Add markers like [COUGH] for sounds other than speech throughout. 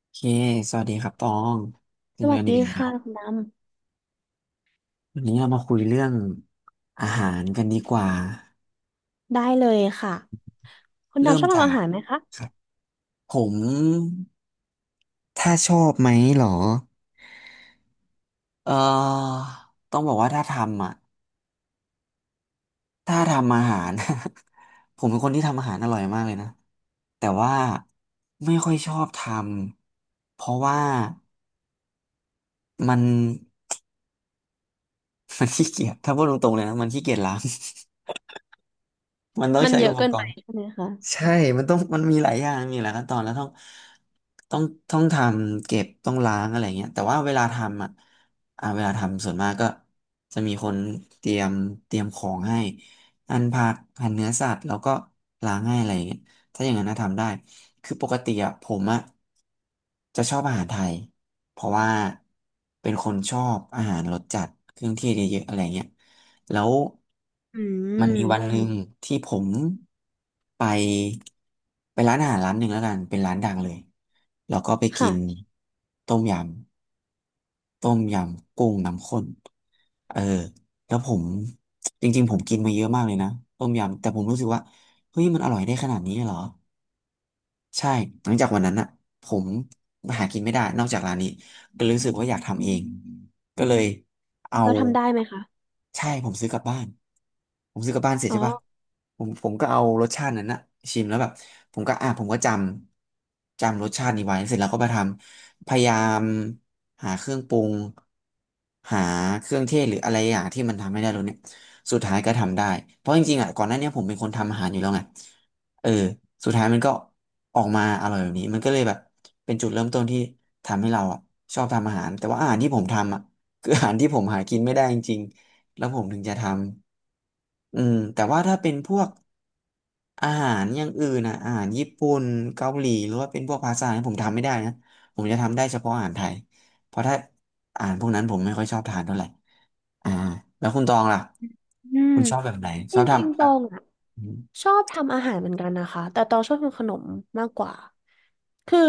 โอเคสวัสดีครับตองเจสอวักัสนอีดีกแล้ค่ะวคุณดวันนี้เรามาคุยเรื่องอาหารกันดีกว่าำได้เลยค่ะคุณเริ่ดำมชอบทำจาอากหารไหมคะครับผมถ้าชอบไหมเหรอเอ่อต้องบอกว่าถ้าทำอ่ะถ้าทำอาหาร [LAUGHS] ผมเป็นคนที่ทำอาหารอร่อยมากเลยนะแต่ว่าไม่ค่อยชอบทำ เพราะว่ามัน [LAUGHS] มันขี้เกียจถ้าพูดตรงๆเลยนะมันขี้เกียจล้าง [LAUGHS] มันต้องมันใช้เยอุอะปเกิกนไปรณ์ ใช่ไหมคะใช่ มันต้องมันมีหลายอย่างมีหลายขั้นตอนแล้วต้องต้องต้องทำเก็บต้องล้างอะไรเงี้ยแต่ว่าเวลาทำอ่ะเวลาทำส่วนมากก็จะมีคนเตรียมเตรียมของให้หั่นผักหั่นเนื้อสัตว์แล้วก็ล้างให้อะไรเงี้ยถ้าอย่างนั้นนะทำได้คือปกติอ่ะผมอ่ะจะชอบอาหารไทยเพราะว่าเป็นคนชอบอาหารรสจัดเครื่องเทศเยอะๆอะไรเงี้ย แล้วอืมันมีวันมหนึ่งที่ผมไปร้านอาหารร้านหนึ่งแล้วกันเป็นร้านดังเลยแล้วก็ไปกินค่ะต้มยต้มยำกุ้งน้ำข้นเออแล้วผมจริงๆผมกินมาเยอะมากเลยนะต้มยำแต่ผมรู้สึกว่าเฮ้ยมันอร่อยได้ขนาดนี้เลยเหรอ ใช่หลังจากวันนั้นอ่ะผมหากินไม่ได้นอกจากร้านนี้ก็รู้สึกว่าอยากทำเองก็เลยเอาเราทำได้ไหมคะใช่ผมซื้อกลับบ้าน ผมซื้อกลับบ้านเสร็จอ๋อใช่ปะผมก็เอารสชาตินั้นอะชิมแล้วแบบผมก็อ่ะผมก็จำรสชาตินี้ไว้เสร็จแล้วก็มาทำพยายามหาเครื่องปรุงหาเครื่องเทศหรืออะไรอย่างที่มันทำไม่ได้รสเนี่ยสุดท้ายก็ทำได้เพราะจริงๆอ่ะก่อนหน้าเนี้ยผมเป็นคนทำอาหารอยู่แล้วไง เออสุดท้ายมันก็ออกมาอร่อยแบบนี้มันก็เลยแบบเป็นจุดเริ่มต้นที่ทำให้เราอ่ะชอบทำอาหารแต่ว่าอาหารที่ผมทำอ่ะ [LAUGHS] คืออาหารที่ผมหากินไม่ได้จริงๆแล้วผมถึงจะทำอืมแต่ว่าถ้าเป็นพวกอาหารอย่างอื่นนะอาหารญี่ปุ่นเกาหลีหรือว่าเป็นพวกพาสต้าเนี่ยผมทำไม่ได้นะผมจะทำได้เฉพาะอาหารไทยเพราะถ้าอาหารพวกนั้นผมไม่ค่อยชอบทานเท่าไหร่อ่าแล้วคุณตองล่ะอืมคุณชอบแบบไหนจชอบริงๆทำตอ่ะ รงอ่ะ ชอบทำอาหารเหมือนกันนะคะแต่ตองชอบทำขนมมากกว่าคือ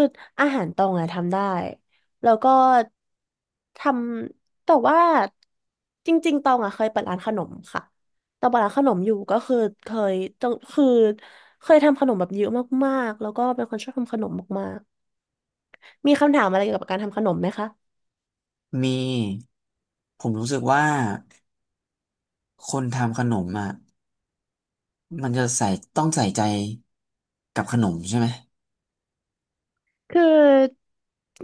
อาหารตองอะทำได้แล้วก็ทำแต่ว่าจริงๆตองอะเคยเปิดร้านขนมค่ะตองเปิดร้านขนมอยู่ก็คือเคยตองคือเคยทำขนมแบบเยอะมากๆแล้วก็เป็นคนชอบทำขนมมากๆมีคำถามอะไรเกี่ยวกับการทำขนมไหมคะ มีผมรู้สึกว่าคนทำขนมอ่ะมันจะใส่ต้องใส่ใจกับขนมใช่ไหมคือ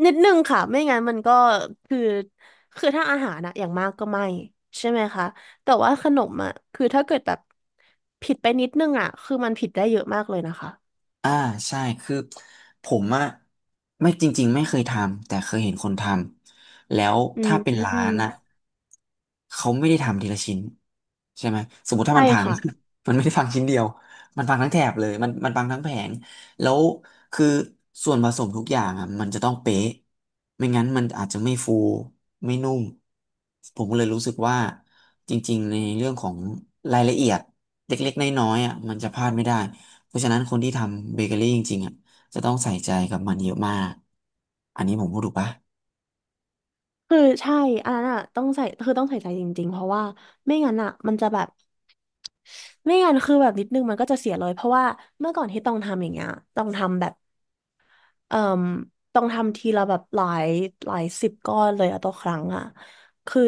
นิดนึงค่ะไม่งั้นมันก็คือคือถ้าอาหารอะอย่างมากก็ไม่ใช่ไหมคะแต่ว่าขนมอะคือถ้าเกิดแบบผิดไปนิดนึงอะคือมันผิดได้เยอะมากเลยนะคะอ่าใช่คือผมอ่ะไม่จริงๆไม่เคยทำแต่เคยเห็นคนทำแล้วอืมถ้าเป็นอืร้ามนอ่ะเขาไม่ได้ทำทีละชิ้นใช่ไหมสมมติถ้าใช่มันพัง ค่ะ [LAUGHS] มันไม่ได้พังชิ้นเดียวมันพังทั้งแถบเลยมันพังทั้งแผง แล้วคือส่วนผสมทุกอย่างอ่ะมันจะต้องเป๊ะไม่งั้นมันอาจจะไม่ฟูไม่นุ่มผมก็เลยรู้สึกว่าจริงๆในเรื่องของรายละเอียดเล็กๆน้อยๆอ่ะมันจะพลาดไม่ได้เพราะฉะนั้นคนที่ทำเบเกอรี่จริงๆอ่ะจะต้องใส่ใจกับมันเยอะมากอันนี้ผมพูดถูกปะคือใช่อันนั้นอะต้องใส่คือต้องใส่ใจจริงๆเพราะว่าไม่งั้นอะมันจะแบบไม่งั้นคือแบบนิดนึงมันก็จะเสียเลยเพราะว่าเมื่อก่อนที่ต้องทำอย่างเงี้ยต้องทำแบบ เอ่มต้องทำทีละแบบหลายสิบก้อนเลยอะต่อครั้งอะคือ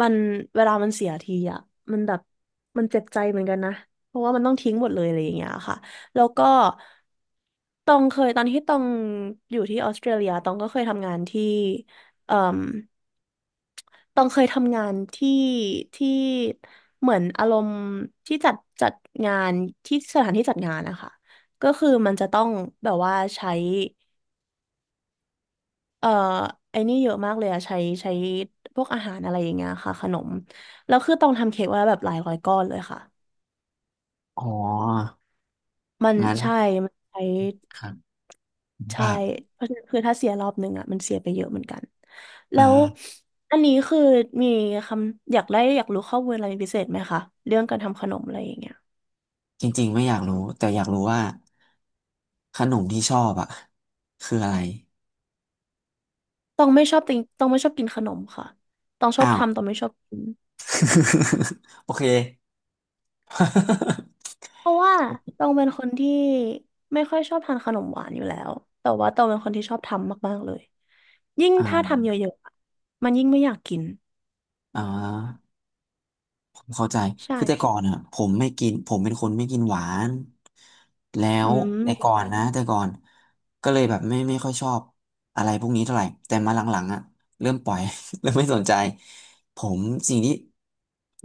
มันเวลามันเสียทีอะมันแบบมันเจ็บใจเหมือนกันนะเพราะว่ามันต้องทิ้งหมดเลยอะไรอย่างเงี้ยค่ะแล้วก็ตองเคยตอนที่ตองอยู่ที่ออสเตรเลียตองก็เคยทำงานที่เอ่มตองเคยทำงานที่ที่เหมือนอารมณ์ที่จัดจัดงานที่สถานที่จัดงานนะคะก็คือมันจะต้องแบบว่าใช้ เอ่อไอ้นี่เยอะมากเลยอะใช้พวกอาหารอะไรอย่างเงี้ยค่ะขนมแล้วคือต้องทำเค้กไวาแบบหลายร้อยก้อนเลยค่ะอ๋อมันงั้นใช่มันใช้ครับใช่อ่ะเพราะฉะนั้นคือถ้าเสียรอบหนึ่งอะมันเสียไปเยอะเหมือนกันแล้วอ่าอันนี้คือมีคำอยากได้อยากรู้ข้อมูลอะไรพิเศษไหมคะเรื่องการทำขนมอะไรอย่างเงี้ยจริงๆไม่อยากรู้แต่อยากรู้ว่าขนมที่ชอบอ่ะคืออะไรต้องไม่ชอบติงต้องไม่ชอบกินขนมค่ะต้องชอบอ้าว ทำต้องไม่ชอบกิน [LAUGHS] โอเค [LAUGHS] เพราะว่าตองเป็นคนที่ไม่ค่อยชอบทานขนมหวานอยู่แล้วแต่ว่าตองเป็นคนที่ชอบทำมากๆเลยยิ่งถ้าอ่าทำเยอะๆอะมันยิ่งไม่อยากกินอ่าผมเข้าใจคือแต่ใช่ก่อนอ่ะผมไม่กินผมเป็นคนไม่กินหวานแล้อืวแต่ก่อมนนะแต่ก่อนก็เลยแบบไม่ค่อยชอบอะไรพวกนี้เท่าไหร่ แต่มาหลังๆอ่ะเริ่มปล่อย [LAUGHS] เริ่มไม่สนใจผมสิ่งที่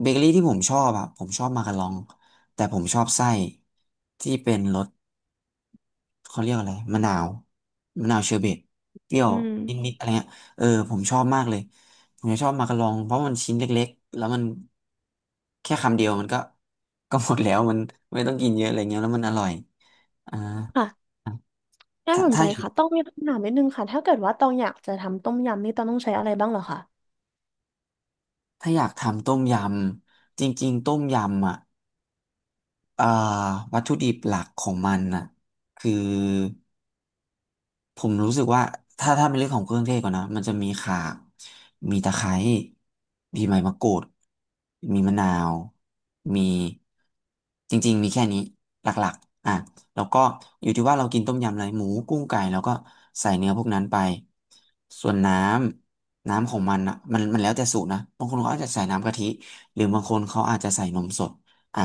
เบเกอรี่ที่ผมชอบอ่ะผมชอบมาการอง แต่ผมชอบไส้ที่เป็นรส เขาเรียกอะไรมะนาวเชอร์เบตเปรี้ยวอืมนิดๆอะไรเงี้ยเออผมชอบมากเลยผมจะชอบมากะลองเพราะมันชิ้นเล็กๆแล้วมันแค่คำเดียวมันก็ [LAUGHS] ก็หมดแล้วมันไม่ต้องกินเยอะอะไรเงี้ยแล้วมันอร่อยอ่าค่ะน่าถ้าสนใจถ้าค่ะต้องมีคำถามนิดนึงค่ะถ้าเกิดว่าตองอยากจะทำต้มยำนี่ตองต้องใช้อะไรบ้างเหรอคะถ้าอยากทำต้มยำจริงๆต้มยำอ่ะเอ่อวัตถุดิบหลักของมันน่ะคือ ผมรู้สึกว่าถ้าเป็นเรื่องของเครื่องเทศก่อนนะมันจะมีข่ามีตะไคร้มีใบมะกรูดมีมะนาว มีจริงๆมีแค่นี้หลักๆอ่ะแล้วก็อยู่ที่ว่าเรากินต้มยำอะไรหมูกุ้งไก่แล้วก็ใส่เนื้อพวกนั้นไปส่วนน้ำของมันอ่ะมันแล้วแต่สูตรนะบางคนเขาอาจจะใส่น้ำกะทิหรือบางคนเขาอาจจะใส่นมสดอ่ะ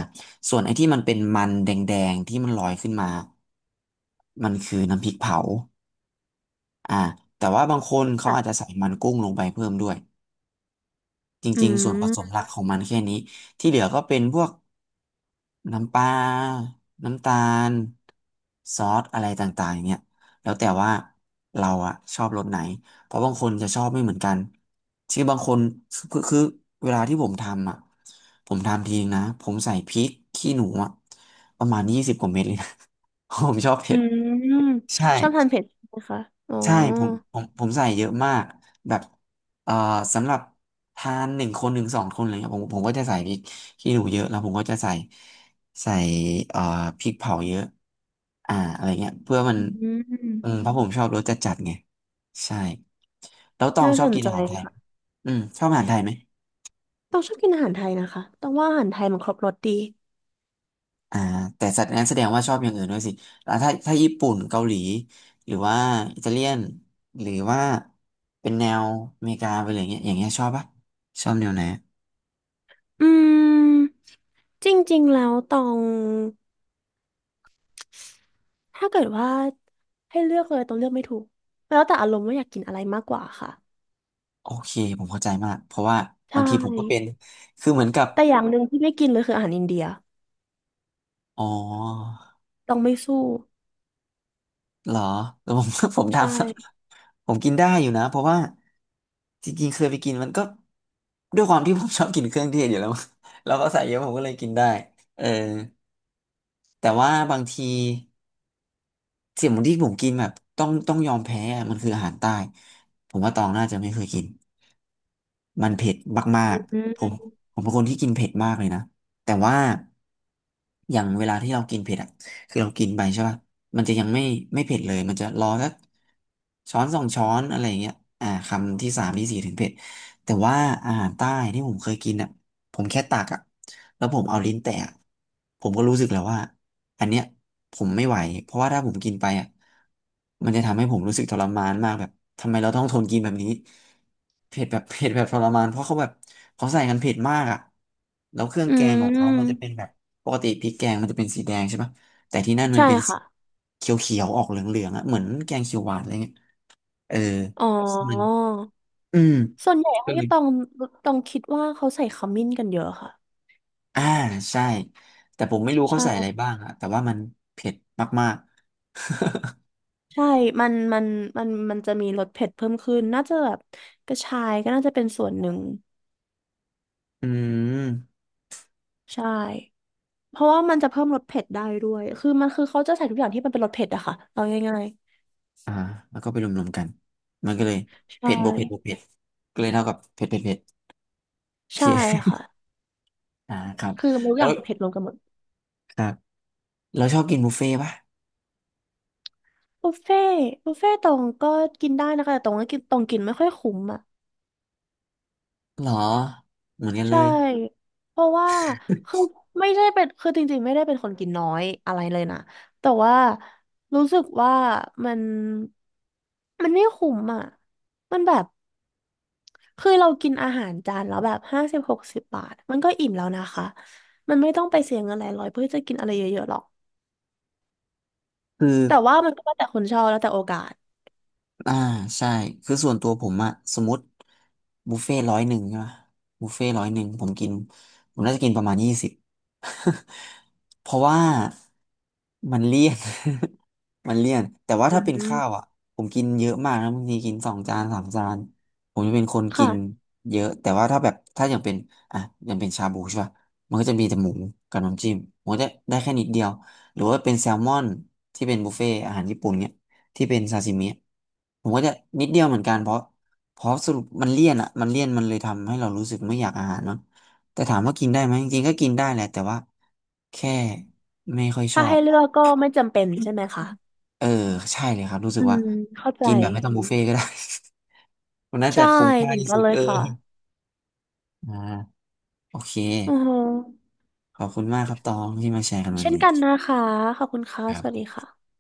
ส่วนไอ้ที่มันเป็นมันแดงๆที่มันลอยขึ้นมามันคือน้ำพริกเผา อ่าแต่ว่าบางคนเขาอาจจะค่ะใส่มันกุ้งลงไปเพิ่มด้วยจอืริงๆส่วนผสมมหลักของมันแค่นี้ที่เหลือก็เป็นพวกน้ำปลาน้ำตาลซอสอะไรต่างๆเนี่ยแล้วแต่ว่าเราอะชอบรสไหนเพราะบางคนจะชอบไม่เหมือนกันคือบางคนคือเวลาที่ผมทำอะผมทำทีนะผมใส่พริกขี้หนูอะประมาณยี่สิบกว่าเม็ดเลยนะ [LAUGHS] ผมชอบอืเผ็ดมใช่ ชอบทานเผ็ดใช่ไหมคะอ๋อใช่ผมใส่เยอะมากแบบเอ่อสำหรับทานหนึ่งคนหนึ่งสองคนอะไรเงี้ยผมก็จะใส่พริกขี้หนูเยอะแล้วผมก็จะใส่ใส่เอ่อพริกเผาเยอะอะไรเงี้ยเพื่อมันอืมเพราะผมชอบรสจัดจัดไงใช่แล้วตองน่าชอสบนกินใจอาหารไทยค่ะอืมชอบอาหารไทยไหม ต้องชอบกินอาหารไทยนะคะต้องว่าอาหารไทยมันครบรสดี อ่าแต่สัตว์นั้นแสดงว่าชอบอย่างอื่นด้วยสิแล้วถ้าญี่ปุ่นเกาหลีหรือว่าอิตาเลียนหรือว่าเป็นแนวอเมริกาไปเลยอย่างเงี้ยอย่างเงี้ยชอบปะชอบแนวไหนอืมจริงๆแล้วตองถ้าเกิดว่าให้เลือกเลยตองเลือกไม่ถูกแล้วแต่อารมณ์ว่าอยากกินอะไรมากกว่าค่ะโอเคผมเข้าใจมากเพราะว่าใชบางทีผมก็เป็น่คือเหมือนกับแต่อย่างหนึ่งที่ไม่กินเลยคืออาหารอินเดียอ๋อตองไม่สู้เหรอแล้วผม [LAUGHS] ผมทใช่ผมกินได้อยู่นะเพราะว่าจริงๆเคยไปกินมันก็ด้วยความที่ผมชอบกินเครื่องเทศอยู่แล้ว [LAUGHS] แล้วก็ใส่เยอะผมก็เลยกินได้เออแต่ว่าบางที เสี่ยหมูที่ผมกินแบบต้องยอมแพ้อะมันคืออาหารใต้ ผมว่าตองน่าจะไม่เคยกิน มันเผ็ดมากอืๆผมมผมเป็นคนที่กินเผ็ดมากเลยนะ แต่ว่าอย่างเวลาที่เรากินเผ็ดอ่ะคือเรากินไปใช่ป่ะมันจะยังไม่เผ็ดเลย มันจะรอสักช้อนสองช้อนอะไรอย่างเงี้ยอ่าคำที่สามที่สี่ถึงเผ็ดแต่ว่าอาหารใต้ที่ผมเคยกินอ่ะผมแค่ตักอ่ะแล้วผมเอาลิ้นแตะอะผมก็รู้สึกแล้วว่าอันเนี้ยผมไม่ไหวเพราะว่าถ้าผมกินไปอ่ะมันจะทำให้ผมรู้สึกทรมานมากแบบทำไมเราต้องทนกินแบบนี้ เผ็ดแบบ [LAUGHS] เผ็ดแบบทรมานเพราะเขาแบบเขาใส่กันเผ็ดมากอ่ะแล้วเครื่องอืแกงของเขามันจะมเป็นแบบปกติพริกแกงมันจะเป็นสีแดงใช่ปะแต่ที่นั่นมันใช่เป็นสีค่ะเขียวๆออกเหลืองๆอ่ะเหมือนแกงเขียวหวานอะไรเงี้ยเอออ๋อซึ่งมันอืมส่วนใหญ่ก็ที่เลยตองตองคิดว่าเขาใส่ขมิ้นกันเยอะค่ะอ่าใช่แต่ผมไม่รู้เขาใช่ใส่อะไรบ้างอ่ะแต่ว่ามันเผ็ดมากๆ ใช่มันมันมันจะมีรสเผ็ดเพิ่มขึ้นน่าจะแบบกระชายก็น่าจะเป็นส่วนหนึ่ง [LAUGHS] อืมใช่ เพราะว่ามันจะเพิ่มรสเผ็ดได้ด้วยคือเขาจะใส่ทุกอย่างที่มันเป็นรสเผ็ดอะค่ะเอาง่ายอ่าแล้วก็ไปรวมๆกันมันก็เลยๆใช่เผ็ดบวกเผ็ดบวกเผ็ดก็เลยเท่ากับเผ็ดเผ็ดเผ็ดโอเค ใช่ค่ะ [LAUGHS] อ่าครับคือมันทุกแล้อย่าวงเผ็ดรวมกันหมดครับ เราชอบกินบุฟเฟ่ต์ป่ะบุฟเฟ่บุฟเฟ่ตอตรงก็กินได้นะคะแต่ตรงก็กินตรงกินไม่ค่อยคุ้มอ่ะหรอ เหมือนกันเลใช่ยเพราะว่าคือไม่ได้เป็นคือจริงๆไม่ได้เป็นคนกินน้อยอะไรเลยนะแต่ว่ารู้สึกว่ามันมันไม่คุ้มอ่ะมันแบบ คือเรากินอาหารจานแล้วแบบ50-60 บาทมันก็อิ่มแล้วนะคะมันไม่ต้องไปเสียเงินหลายร้อยเพื่อจะกินอะไรเยอะๆหรอกคือ แต่ว่ามันก็แล้วแต่คนชอบแล้วแต่โอกาสอ่าใช่คือส่วนตัวผมอะสมมติบุฟเฟ่ร้อยหนึ่งใช่ปะบุฟเฟ่ร้อยหนึ่งผมน่าจะกินประมาณยี่สิบ [LAUGHS] เพราะว่ามันเลี่ยน [LAUGHS] มันเลี่ยนแต่ว่าอืถ้าเป็นมข้าวอะผมกินเยอะมากนะบางทีกินสองจานสามจานผมจะเป็นคนกิค่ะนเยอะแต่ว่าถ้าแบบถ้าอย่างเป็นอ่ะอย่างเป็นชาบูใช่ปะมันก็จะมีแต่หมูกับน้ำจิ้มผมก็จะได้แค่นิดเดียวหรือว่าเป็นแซลมอนที่เป็นบุฟเฟ่อาหารญี่ปุ่นเนี่ย ที่เป็นซาซิมิผมก็จะนิดเดียวเหมือนกันเพราะสรุปมันเลี่ยนอ่ะมันเลี่ยนมันเลยทำให้เรารู้สึกไม่อยากอาหารเนาะแต่ถามว่ากินได้ไหมจริงๆก็กินได้แหละแต่ว่าแค่ไม่ค่อยชถ้าอให้บเลือกก็ไม่จำเป็นใช่ไหมคะเออใช่เลยครับรู้สึอืกว่ามเข้าใจกินแบบไม่ต้องบุฟเฟ่ต์ก็ได้ [LAUGHS] มันน่าจะใช่คุ้มค่าเหมือนที่กัสุนดเลยเออค่ะอ่าโอเคอือฮึขอบคุณมากครับตองที่มาแชร์กันวันเช่นนี้กันนะคะขอบคุณค่ะครัสวัสดีบค่ะ